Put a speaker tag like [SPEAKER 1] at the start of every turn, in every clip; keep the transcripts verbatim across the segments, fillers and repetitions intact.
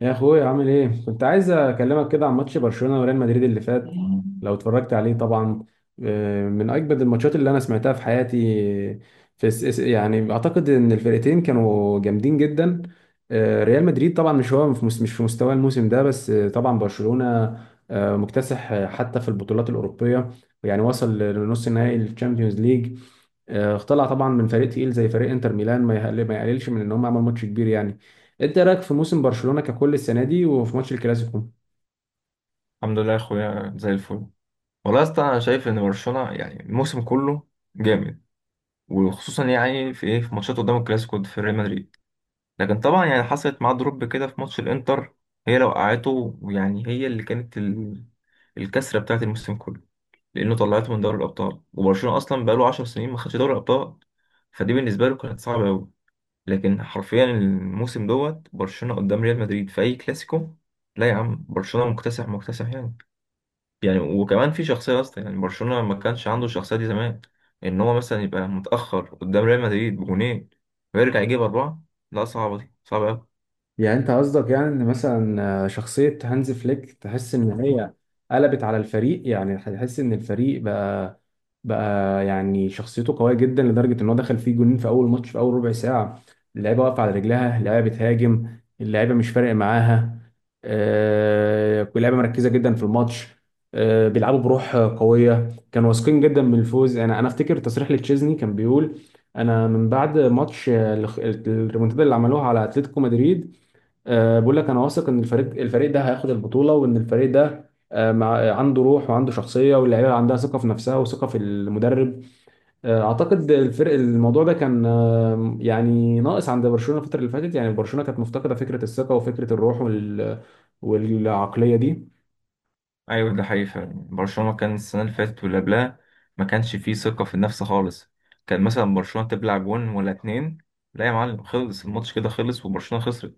[SPEAKER 1] يا اخويا، عامل ايه؟ كنت عايز اكلمك كده عن ماتش برشلونة وريال مدريد اللي فات،
[SPEAKER 2] الحمد
[SPEAKER 1] لو اتفرجت عليه طبعا. آه، من اجمد الماتشات اللي انا سمعتها في حياتي. في الس- الس- يعني اعتقد ان الفرقتين كانوا جامدين جدا. آه، ريال مدريد طبعا مش هو في مس- مش في مستوى الموسم ده، بس آه، طبعا برشلونة آه، مكتسح، آه، حتى في البطولات الأوروبية. يعني وصل لنص نهائي الشامبيونز ليج. آه، طلع طبعا من فريق تقيل زي فريق انتر ميلان، ما يقل- ما يقللش من ان هم عملوا ماتش كبير. يعني انت إيه رايك في موسم برشلونة ككل السنة دي وفي ماتش الكلاسيكو؟
[SPEAKER 2] لله يا اخويا زي الفل. والله يا اسطى انا شايف ان برشلونه يعني الموسم كله جامد، وخصوصا يعني في ايه في ماتشات قدام الكلاسيكو في ريال مدريد. لكن طبعا يعني حصلت معاه دروب كده في ماتش الانتر، هي لو وقعته يعني هي اللي كانت ال... الكسره بتاعت الموسم كله، لانه طلعته من دوري الابطال وبرشلونه اصلا بقاله 10 سنين ما خدش دوري الابطال، فدي بالنسبه له كانت صعبه قوي. لكن حرفيا الموسم دوت برشلونه قدام ريال مدريد في اي كلاسيكو، لا يا عم برشلونه مكتسح مكتسح يعني. يعني وكمان في شخصية أصلا، يعني برشلونة ما كانش عنده الشخصية دي زمان، إن هو مثلا يبقى متأخر قدام ريال مدريد بجونين ويرجع يجيب أربعة، لا صعبة دي، صعبة أوي.
[SPEAKER 1] يعني انت قصدك يعني ان مثلا آه، شخصية هانز فليك تحس ان هي قلبت على الفريق، يعني تحس ان الفريق بقى بقى يعني شخصيته قوية جدا لدرجة ان هو دخل فيه جولين في اول ماتش في اول ربع ساعة. اللعيبة واقفة على رجلها، اللعيبة بتهاجم، اللعيبة مش فارق معاها. آه، اللعيبة مركزة جدا في الماتش. آه، بيلعبوا بروح قوية، كانوا واثقين جدا من الفوز. انا انا افتكر تصريح لتشيزني كان بيقول: انا من بعد ماتش آه، الخ- الريمونتادا اللي عملوها على اتلتيكو مدريد، أه بقول لك انا واثق ان الفريق الفريق ده هياخد البطوله، وان الفريق ده أه مع عنده روح وعنده شخصيه، واللعيبه عندها ثقه في نفسها وثقه في المدرب. أه اعتقد الفرق، الموضوع ده كان أه يعني ناقص عند برشلونه الفتره اللي فاتت. يعني برشلونه كانت مفتقده فكره الثقه وفكره الروح وال والعقليه دي.
[SPEAKER 2] أيوة ده حقيقي فعلا، برشلونة كان السنة اللي فاتت واللي قبلها ما كانش فيه ثقة في النفس خالص. كان مثلا برشلونة تبلع جون ولا اتنين، لا يا معلم خلص الماتش كده، خلص وبرشلونة خسرت.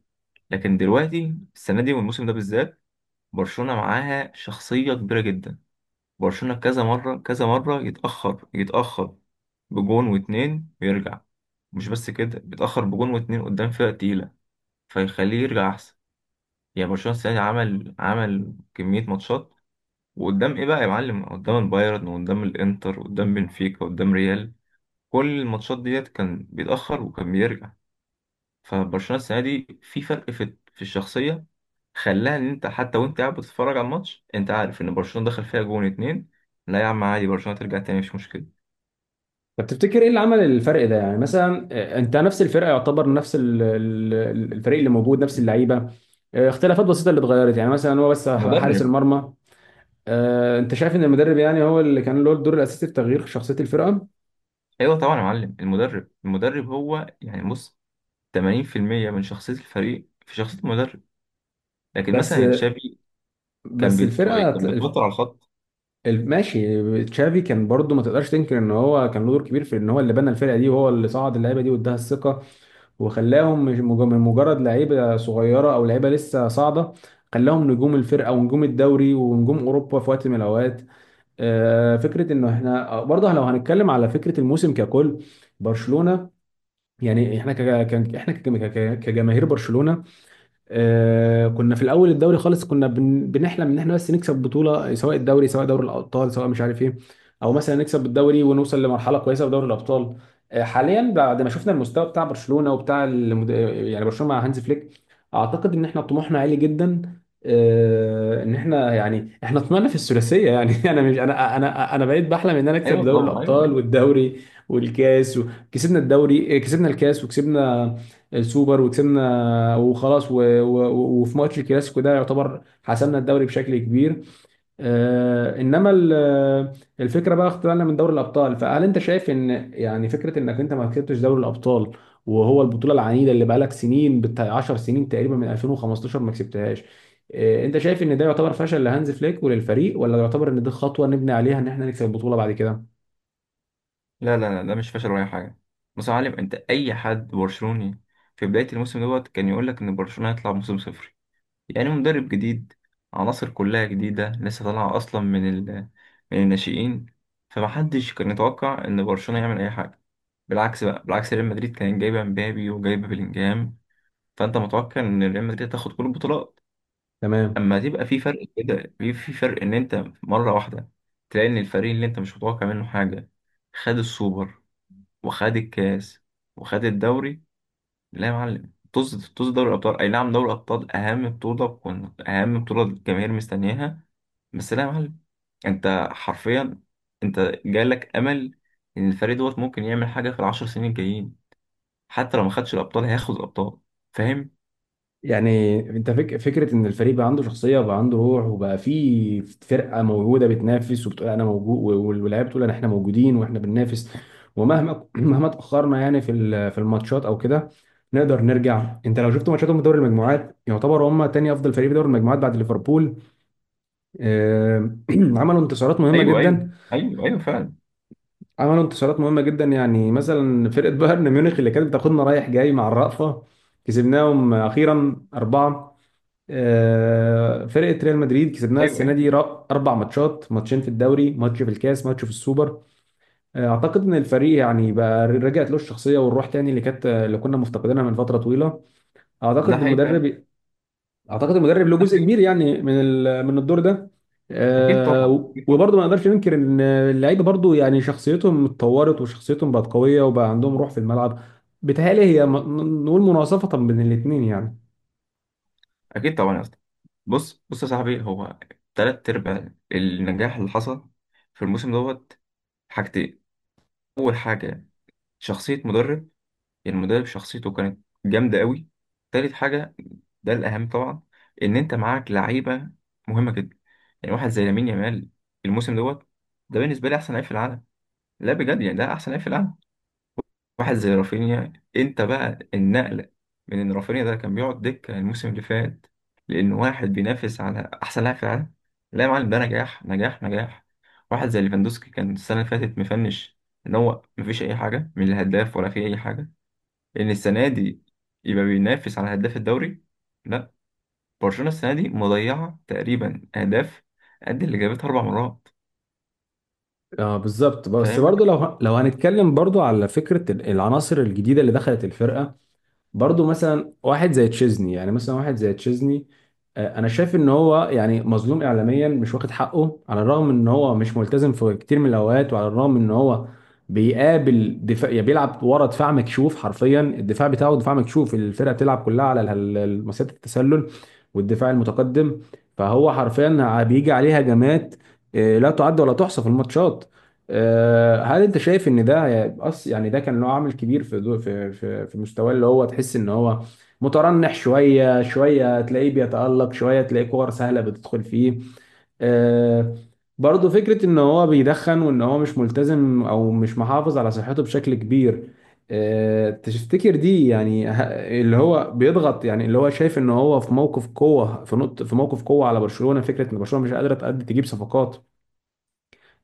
[SPEAKER 2] لكن دلوقتي السنة دي والموسم ده بالذات، برشلونة معاها شخصية كبيرة جدا. برشلونة كذا مرة كذا مرة يتأخر يتأخر بجون واتنين ويرجع، مش بس كده، بيتأخر بجون واتنين قدام فرقة تقيلة فيخليه يرجع أحسن. يعني برشلونة السنة دي عمل عمل كمية ماتشات، وقدام إيه بقى يا معلم، قدام البايرن وقدام الإنتر وقدام بنفيكا وقدام ريال، كل الماتشات ديت كان بيتأخر وكان بيرجع. فبرشلونة السنة دي في فرق في في الشخصية، خلاها إن أنت حتى وأنت قاعد بتتفرج على الماتش أنت عارف إن برشلونة دخل فيها جون اتنين، لا يا عم عادي، برشلونة ترجع تاني مش مشكلة.
[SPEAKER 1] طب تفتكر ايه اللي عمل الفرق ده؟ يعني مثلا آه، انت نفس الفرقه، يعتبر نفس ال- ال- الفريق اللي موجود، نفس اللعيبه، آه، اختلافات بسيطه اللي اتغيرت، يعني مثلا هو بس حارس
[SPEAKER 2] مدرب.
[SPEAKER 1] المرمى. آه، انت شايف ان المدرب يعني هو اللي كان له الدور الاساسي في تغيير شخصيه الفرقه؟
[SPEAKER 2] ايوه طبعا يا معلم، المدرب المدرب هو يعني بص، ثمانين في المئة من شخصيه الفريق في شخصيه المدرب. لكن
[SPEAKER 1] بس
[SPEAKER 2] مثلا تشافي كان
[SPEAKER 1] بس
[SPEAKER 2] بيت...
[SPEAKER 1] الفرقه ت-
[SPEAKER 2] كان بيتوتر
[SPEAKER 1] الف-
[SPEAKER 2] على الخط.
[SPEAKER 1] ال- ماشي، تشافي كان برضو ما تقدرش تنكر ان هو كان له دور كبير في ان هو اللي بنى الفرقه دي، وهو اللي صعد اللعيبه دي واداها الثقه، وخلاهم مش مج- من مجرد لعيبه صغيره او لعيبه لسه صاعده، خلاهم نجوم الفرقه ونجوم الدوري ونجوم اوروبا في وقت من الاوقات. آه، فكره انه احنا آه، برضه لو هنتكلم على فكره الموسم ككل، برشلونه، يعني احنا ك- كان- احنا كجم- ك- كجماهير برشلونه. آه، كنا في الاول الدوري خالص، كنا بن- بنحلم ان احنا بس نكسب بطوله، سواء الدوري، سواء دوري الابطال، سواء مش عارف ايه، او مثلا نكسب الدوري ونوصل لمرحله كويسه في دوري الابطال. آه، حاليا بعد ما شفنا المستوى بتاع برشلونه وبتاع المد... يعني برشلونه مع هانز فليك، اعتقد ان احنا طموحنا عالي جدا. آه، ان احنا يعني احنا طمعنا في الثلاثيه يعني. انا مش انا انا انا بقيت بحلم ان انا اكسب
[SPEAKER 2] ايوه
[SPEAKER 1] دوري
[SPEAKER 2] طبعا، ايوه
[SPEAKER 1] الابطال
[SPEAKER 2] ايوه.
[SPEAKER 1] والدوري والكاس، وكسبنا الدوري، آه، كسبنا الكاس وكسبنا السوبر، وكسبنا وخلاص و... و... و- وفي ماتش الكلاسيكو ده، يعتبر حسمنا الدوري بشكل كبير. آه انما ال- آه، الفكره بقى، اختلالنا من دوري الابطال. فهل انت شايف ان يعني فكره انك انت ما كسبتش دوري الابطال، وهو البطوله العنيده اللي بقالك سنين، بتاع 10 سنين تقريبا، من ألفين وخمسة عشر ما كسبتهاش؟ آه انت شايف ان ده يعتبر فشل لهانز فليك وللفريق، ولا يعتبر ان دي خطوه نبني عليها ان احنا نكسب البطوله بعد كده؟
[SPEAKER 2] لا لا لا، ده مش فشل ولا اي حاجه. بص يا معلم، انت اي حد برشلوني في بدايه الموسم دوت كان يقول لك ان برشلونه هيطلع موسم صفري، يعني مدرب جديد، عناصر كلها جديده لسه طالعه اصلا من ال... من الناشئين، فمحدش كان يتوقع ان برشلونه يعمل اي حاجه. بالعكس بقى بالعكس ريال مدريد كان جايبه مبابي وجايبه بلينجهام، فانت متوقع ان ريال مدريد تاخد كل البطولات.
[SPEAKER 1] تمام.
[SPEAKER 2] اما تبقى في فرق كده، في في فرق ان انت مره واحده تلاقي ان الفريق اللي انت مش متوقع منه حاجه خد السوبر وخد الكاس وخد الدوري، لا يا معلم طز طز. دوري الابطال اي نعم دوري الابطال اهم بطوله، وكن- اهم بطوله الجماهير مستنياها، بس لا يا معلم، انت حرفيا انت جالك امل ان الفريق دوت ممكن يعمل حاجه في العشر سنين الجايين، حتى لو ما خدش الابطال هياخد الابطال، فاهم.
[SPEAKER 1] يعني انت فك... فكره ان الفريق بقى عنده شخصيه وبقى عنده روح، وبقى في فرقه موجوده بتنافس وبتقول انا موجود، واللاعب بتقول انا، احنا موجودين واحنا بننافس. ومهما مهما اتاخرنا يعني في ال- في الماتشات او كده، نقدر نرجع. انت لو شفت ماتشاتهم في دوري المجموعات، يعتبر هم تاني افضل فريق في دوري المجموعات بعد ليفربول. آه، عملوا انتصارات مهمه
[SPEAKER 2] ايوه ايوه
[SPEAKER 1] جدا
[SPEAKER 2] ايوه ايوه فعلا،
[SPEAKER 1] عملوا انتصارات مهمه جدا يعني مثلا فرقه بايرن ميونخ اللي كانت بتاخدنا رايح جاي مع الرأفه، كسبناهم اخيرا اربعه. آه، فرقه ريال مدريد كسبناها
[SPEAKER 2] ايوه
[SPEAKER 1] السنه
[SPEAKER 2] ايوه.
[SPEAKER 1] دي، را- اربع ماتشات، ماتشين في الدوري، ماتش في الكاس، ماتش في السوبر. آه، اعتقد ان الفريق يعني بقى رجعت له الشخصيه والروح تاني، اللي كانت آه، اللي كنا مفتقدينها من فتره طويله.
[SPEAKER 2] ده
[SPEAKER 1] اعتقد
[SPEAKER 2] حقيقي فعلا.
[SPEAKER 1] المدرب اعتقد المدرب له
[SPEAKER 2] ده
[SPEAKER 1] جزء كبير
[SPEAKER 2] حقيقي.
[SPEAKER 1] يعني من ال- من الدور ده.
[SPEAKER 2] اكيد
[SPEAKER 1] آه،
[SPEAKER 2] طبعا،
[SPEAKER 1] و-
[SPEAKER 2] اكيد طبعا.
[SPEAKER 1] وبرضه ما نقدرش ننكر ان اللعيبه برضه يعني شخصيتهم اتطورت، وشخصيتهم بقت قويه، وبقى عندهم روح في الملعب. بتهيألي هي م- نقول مناصفه بين الاثنين يعني.
[SPEAKER 2] اكيد طبعا يا اسطى. بص بص يا صاحبي، هو تلات ارباع النجاح اللي حصل في الموسم دوت حاجتين. اول حاجه شخصيه مدرب، يعني المدرب شخصيته كانت جامده قوي. تالت حاجه، ده الاهم طبعا، ان انت معاك لعيبه مهمه جدا، يعني واحد زي لامين يامال الموسم دوت ده بالنسبه لي احسن لعيب في العالم، لا بجد، يعني ده احسن لعيب في العالم. واحد زي رافينيا، انت بقى النقله من ان رافينيا ده كان بيقعد دكه الموسم اللي فات، لان واحد بينافس على احسن لاعب في العالم، لا يا معلم ده نجاح نجاح نجاح. واحد زي ليفاندوسكي كان السنه اللي فاتت مفنش، ان هو مفيش اي حاجه من الهداف ولا في اي حاجه، ان السنه دي يبقى بينافس على هداف الدوري، لا. برشلونه السنه دي مضيعه تقريبا اهداف قد اللي جابتها اربع مرات،
[SPEAKER 1] اه بالظبط، بس
[SPEAKER 2] فاهمني.
[SPEAKER 1] برضو لو لو هنتكلم برضو على فكره ال- العناصر الجديده اللي دخلت الفرقه، برضو مثلا واحد زي تشيزني يعني مثلا واحد زي تشيزني. آه، انا شايف ان هو يعني مظلوم اعلاميا، مش واخد حقه، على الرغم ان هو مش ملتزم في كتير من الاوقات، وعلى الرغم ان هو بيقابل دفاع، يعني بيلعب ورا دفاع مكشوف، حرفيا الدفاع بتاعه دفاع مكشوف، الفرقه بتلعب كلها على ال- ال- مسيره التسلل والدفاع المتقدم، فهو حرفيا بيجي عليه هجمات آه، لا تعد ولا تحصى في الماتشات. آه، هل انت شايف ان ده أص يعني ده كان له عامل كبير في دو في في في مستواه، اللي هو تحس ان هو مترنح شويه، شويه تلاقيه بيتألق، شويه تلاقيه كور سهله بتدخل فيه. آه، برضه فكره ان هو بيدخن، وان هو مش ملتزم او مش محافظ على صحته بشكل كبير. آه، تفتكر دي يعني ه- اللي هو بيضغط، يعني اللي هو شايف ان هو في موقف قوه، في نقطه في موقف قوه على برشلونه، فكره ان برشلونه مش قادره تأدي تجيب صفقات،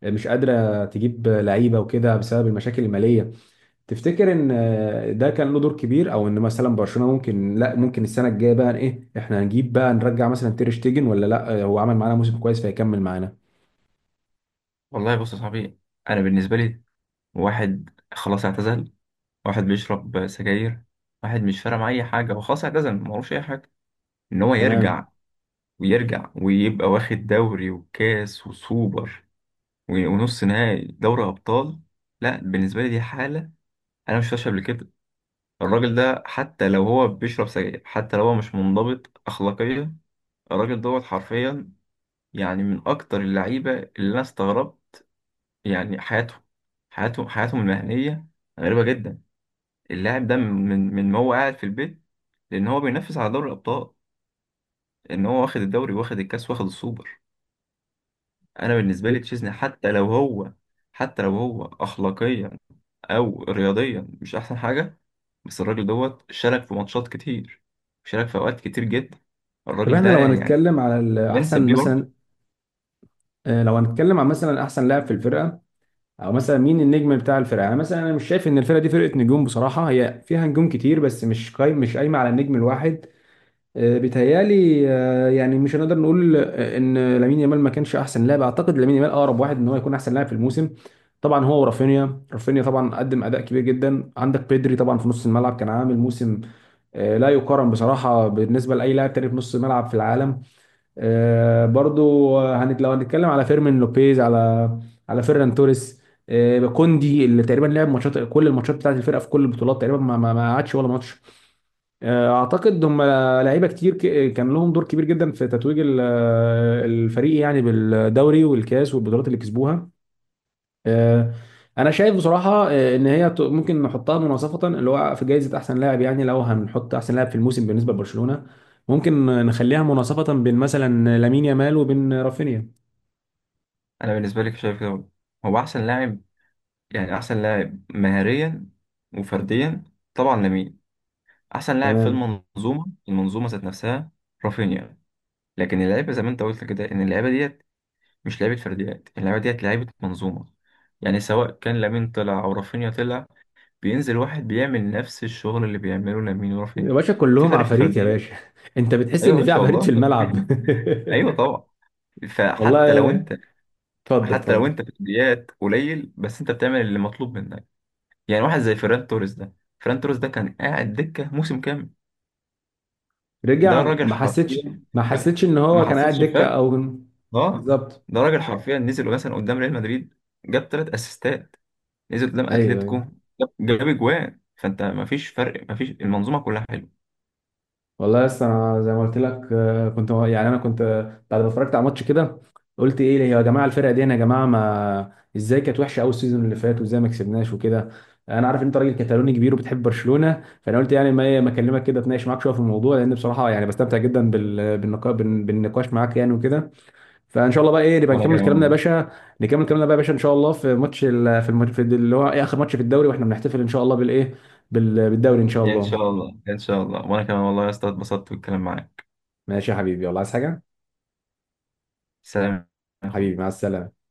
[SPEAKER 1] مش قادره تجيب لعيبه وكده، بسبب المشاكل الماليه. تفتكر ان آه، ده كان له دور كبير؟ او ان مثلا برشلونه ممكن لا، ممكن السنه الجايه بقى ايه، احنا هنجيب بقى نرجع مثلا تير شتيجن ولا لا؟ آه، هو عمل معانا موسم كويس فيكمل معانا؟
[SPEAKER 2] والله بص يا صاحبي، انا بالنسبه لي، واحد خلاص اعتزل، واحد بيشرب سجاير، واحد مش فارق معاه اي حاجه، هو خلاص اعتزل معهوش اي حاجه، ان هو
[SPEAKER 1] تمام.
[SPEAKER 2] يرجع ويرجع ويبقى واخد دوري وكاس وسوبر و- ونص نهائي دوري ابطال، لا بالنسبه لي دي حاله انا مش شفتهاش قبل كده. الراجل ده حتى لو هو بيشرب سجاير، حتى لو هو مش منضبط اخلاقيا، الراجل دوت حرفيا، يعني من اكتر اللعيبه اللي انا استغربت يعني حياتهم، حياتهم حياتهم المهنيه غريبه جدا. اللاعب ده من من ما هو قاعد في البيت، لان هو بينافس على دوري الابطال، ان هو واخد الدوري واخد الكاس واخد السوبر. انا بالنسبه لي تشيزني، حتى لو هو حتى لو هو اخلاقيا او رياضيا مش احسن حاجه، بس الراجل دوت شارك في ماتشات كتير، شارك في اوقات كتير جدا،
[SPEAKER 1] طب
[SPEAKER 2] الراجل ده
[SPEAKER 1] احنا لو
[SPEAKER 2] يعني
[SPEAKER 1] هنتكلم على ال-
[SPEAKER 2] ينسب
[SPEAKER 1] احسن
[SPEAKER 2] ليه برضه.
[SPEAKER 1] مثلا آه، لو هنتكلم عن مثلا احسن لاعب في الفرقه، او مثلا مين النجم بتاع الفرقه؟ يعني مثلا انا مش شايف ان الفرقه دي فرقه نجوم بصراحه، هي فيها نجوم كتير بس مش قايم مش قايمه على النجم الواحد. آه، بيتهيألي آه، يعني مش هنقدر نقول آه، ان لامين يامال ما كانش احسن لاعب، اعتقد لامين يامال اقرب واحد ان هو يكون احسن لاعب في الموسم. طبعا هو ورافينيا، رافينيا طبعا قدم اداء كبير جدا، عندك بيدري طبعا في نص الملعب كان عامل موسم آه، لا يقارن بصراحه بالنسبه لاي لاعب تاني في نص الملعب في العالم. آه، برضو آه، هنت لو هنتكلم على فيرمين لوبيز، على على فيران توريس، آه، كوندي اللي تقريبا لعب ماتشات، كل الماتشات بتاعت الفرقه في كل البطولات تقريبا، ما ما ما قعدش ولا ماتش. آه، اعتقد هم لعيبه كتير، ك- كان لهم دور كبير جدا في تتويج ال- الفريق، يعني بالدوري والكاس والبطولات اللي كسبوها. أه، انا شايف بصراحه أه، ان هي ت- ممكن نحطها مناصفه، اللي هو في جائزه احسن لاعب، يعني لو هنحط احسن لاعب في الموسم بالنسبه لبرشلونه، ممكن نخليها مناصفه بين مثلا لامين يامال وبين رافينيا.
[SPEAKER 2] انا بالنسبه لي شايف كده برضه. هو احسن لاعب، يعني احسن لاعب مهاريا وفرديا طبعا لامين. احسن لاعب في
[SPEAKER 1] تمام
[SPEAKER 2] المنظومه، المنظومه ذات نفسها رافينيا. لكن اللعيبه زي ما انت قلت كده، ان اللعيبه ديت مش لعيبه فرديات، اللعيبه ديت لعيبه منظومه، يعني سواء كان لامين طلع او رافينيا طلع، بينزل واحد بيعمل نفس الشغل اللي بيعمله لامين
[SPEAKER 1] يا
[SPEAKER 2] ورافينيا.
[SPEAKER 1] باشا،
[SPEAKER 2] في
[SPEAKER 1] كلهم
[SPEAKER 2] فرق في
[SPEAKER 1] عفاريت يا
[SPEAKER 2] الفرديات.
[SPEAKER 1] باشا. انت بتحس
[SPEAKER 2] ايوه
[SPEAKER 1] ان في
[SPEAKER 2] ماشي
[SPEAKER 1] عفاريت في
[SPEAKER 2] والله.
[SPEAKER 1] الملعب.
[SPEAKER 2] ايوه طبعا. فحتى لو
[SPEAKER 1] والله،
[SPEAKER 2] انت،
[SPEAKER 1] اتفضل
[SPEAKER 2] حتى لو
[SPEAKER 1] اتفضل.
[SPEAKER 2] انت فرديات قليل، بس انت بتعمل اللي مطلوب منك، يعني واحد زي فيران توريس ده، فيران توريس ده كان قاعد دكه موسم كامل.
[SPEAKER 1] رجع،
[SPEAKER 2] ده راجل
[SPEAKER 1] ما حسيتش،
[SPEAKER 2] حرفيا
[SPEAKER 1] ما حسيتش ان
[SPEAKER 2] ما
[SPEAKER 1] هو كان قاعد
[SPEAKER 2] حصلش
[SPEAKER 1] دكه
[SPEAKER 2] فرق،
[SPEAKER 1] او...
[SPEAKER 2] اه.
[SPEAKER 1] بالظبط.
[SPEAKER 2] ده راجل حرفيا نزل مثلا قدام ريال مدريد جاب ثلاث اسيستات، نزل قدام
[SPEAKER 1] ايوه،
[SPEAKER 2] اتلتيكو
[SPEAKER 1] ايوه
[SPEAKER 2] جاب جاب اجوان، فانت ما فيش فرق، ما فيش، المنظومه كلها حلوه.
[SPEAKER 1] والله. لسه انا زي ما قلت لك آه، كنت يعني انا كنت آه، بعد ما اتفرجت على ماتش كده، قلت ايه يا جماعه الفرقه دي، انا يا جماعه ما ازاي كانت وحشه قوي السيزون اللي فات، وازاي ما كسبناش وكده. انا عارف ان انت راجل كتالوني كبير وبتحب برشلونه، فانا قلت يعني ما إيه، ما اكلمك كده، اتناقش معاك شويه في الموضوع، لان بصراحه يعني بستمتع جدا بال... بالنقا... بالنقاش معاك يعني وكده. فان شاء الله بقى ايه، نبقى
[SPEAKER 2] وانا
[SPEAKER 1] نكمل
[SPEAKER 2] كمان
[SPEAKER 1] كلامنا يا
[SPEAKER 2] والله.
[SPEAKER 1] باشا، نكمل كلامنا بقى يا باشا ان شاء الله في ماتش ال- في الماتش اللي هو إيه، اخر ماتش في الدوري، واحنا بنحتفل ان شاء الله بالايه بال- بالدوري ان شاء
[SPEAKER 2] ان
[SPEAKER 1] الله.
[SPEAKER 2] شاء الله ان شاء الله، وانا كمان والله يا اسطى اتبسطت بالكلام معاك.
[SPEAKER 1] ماشي يا حبيبي والله، عايز حاجه؟
[SPEAKER 2] سلام يا اخوي.
[SPEAKER 1] حبيبي، مع السلامه.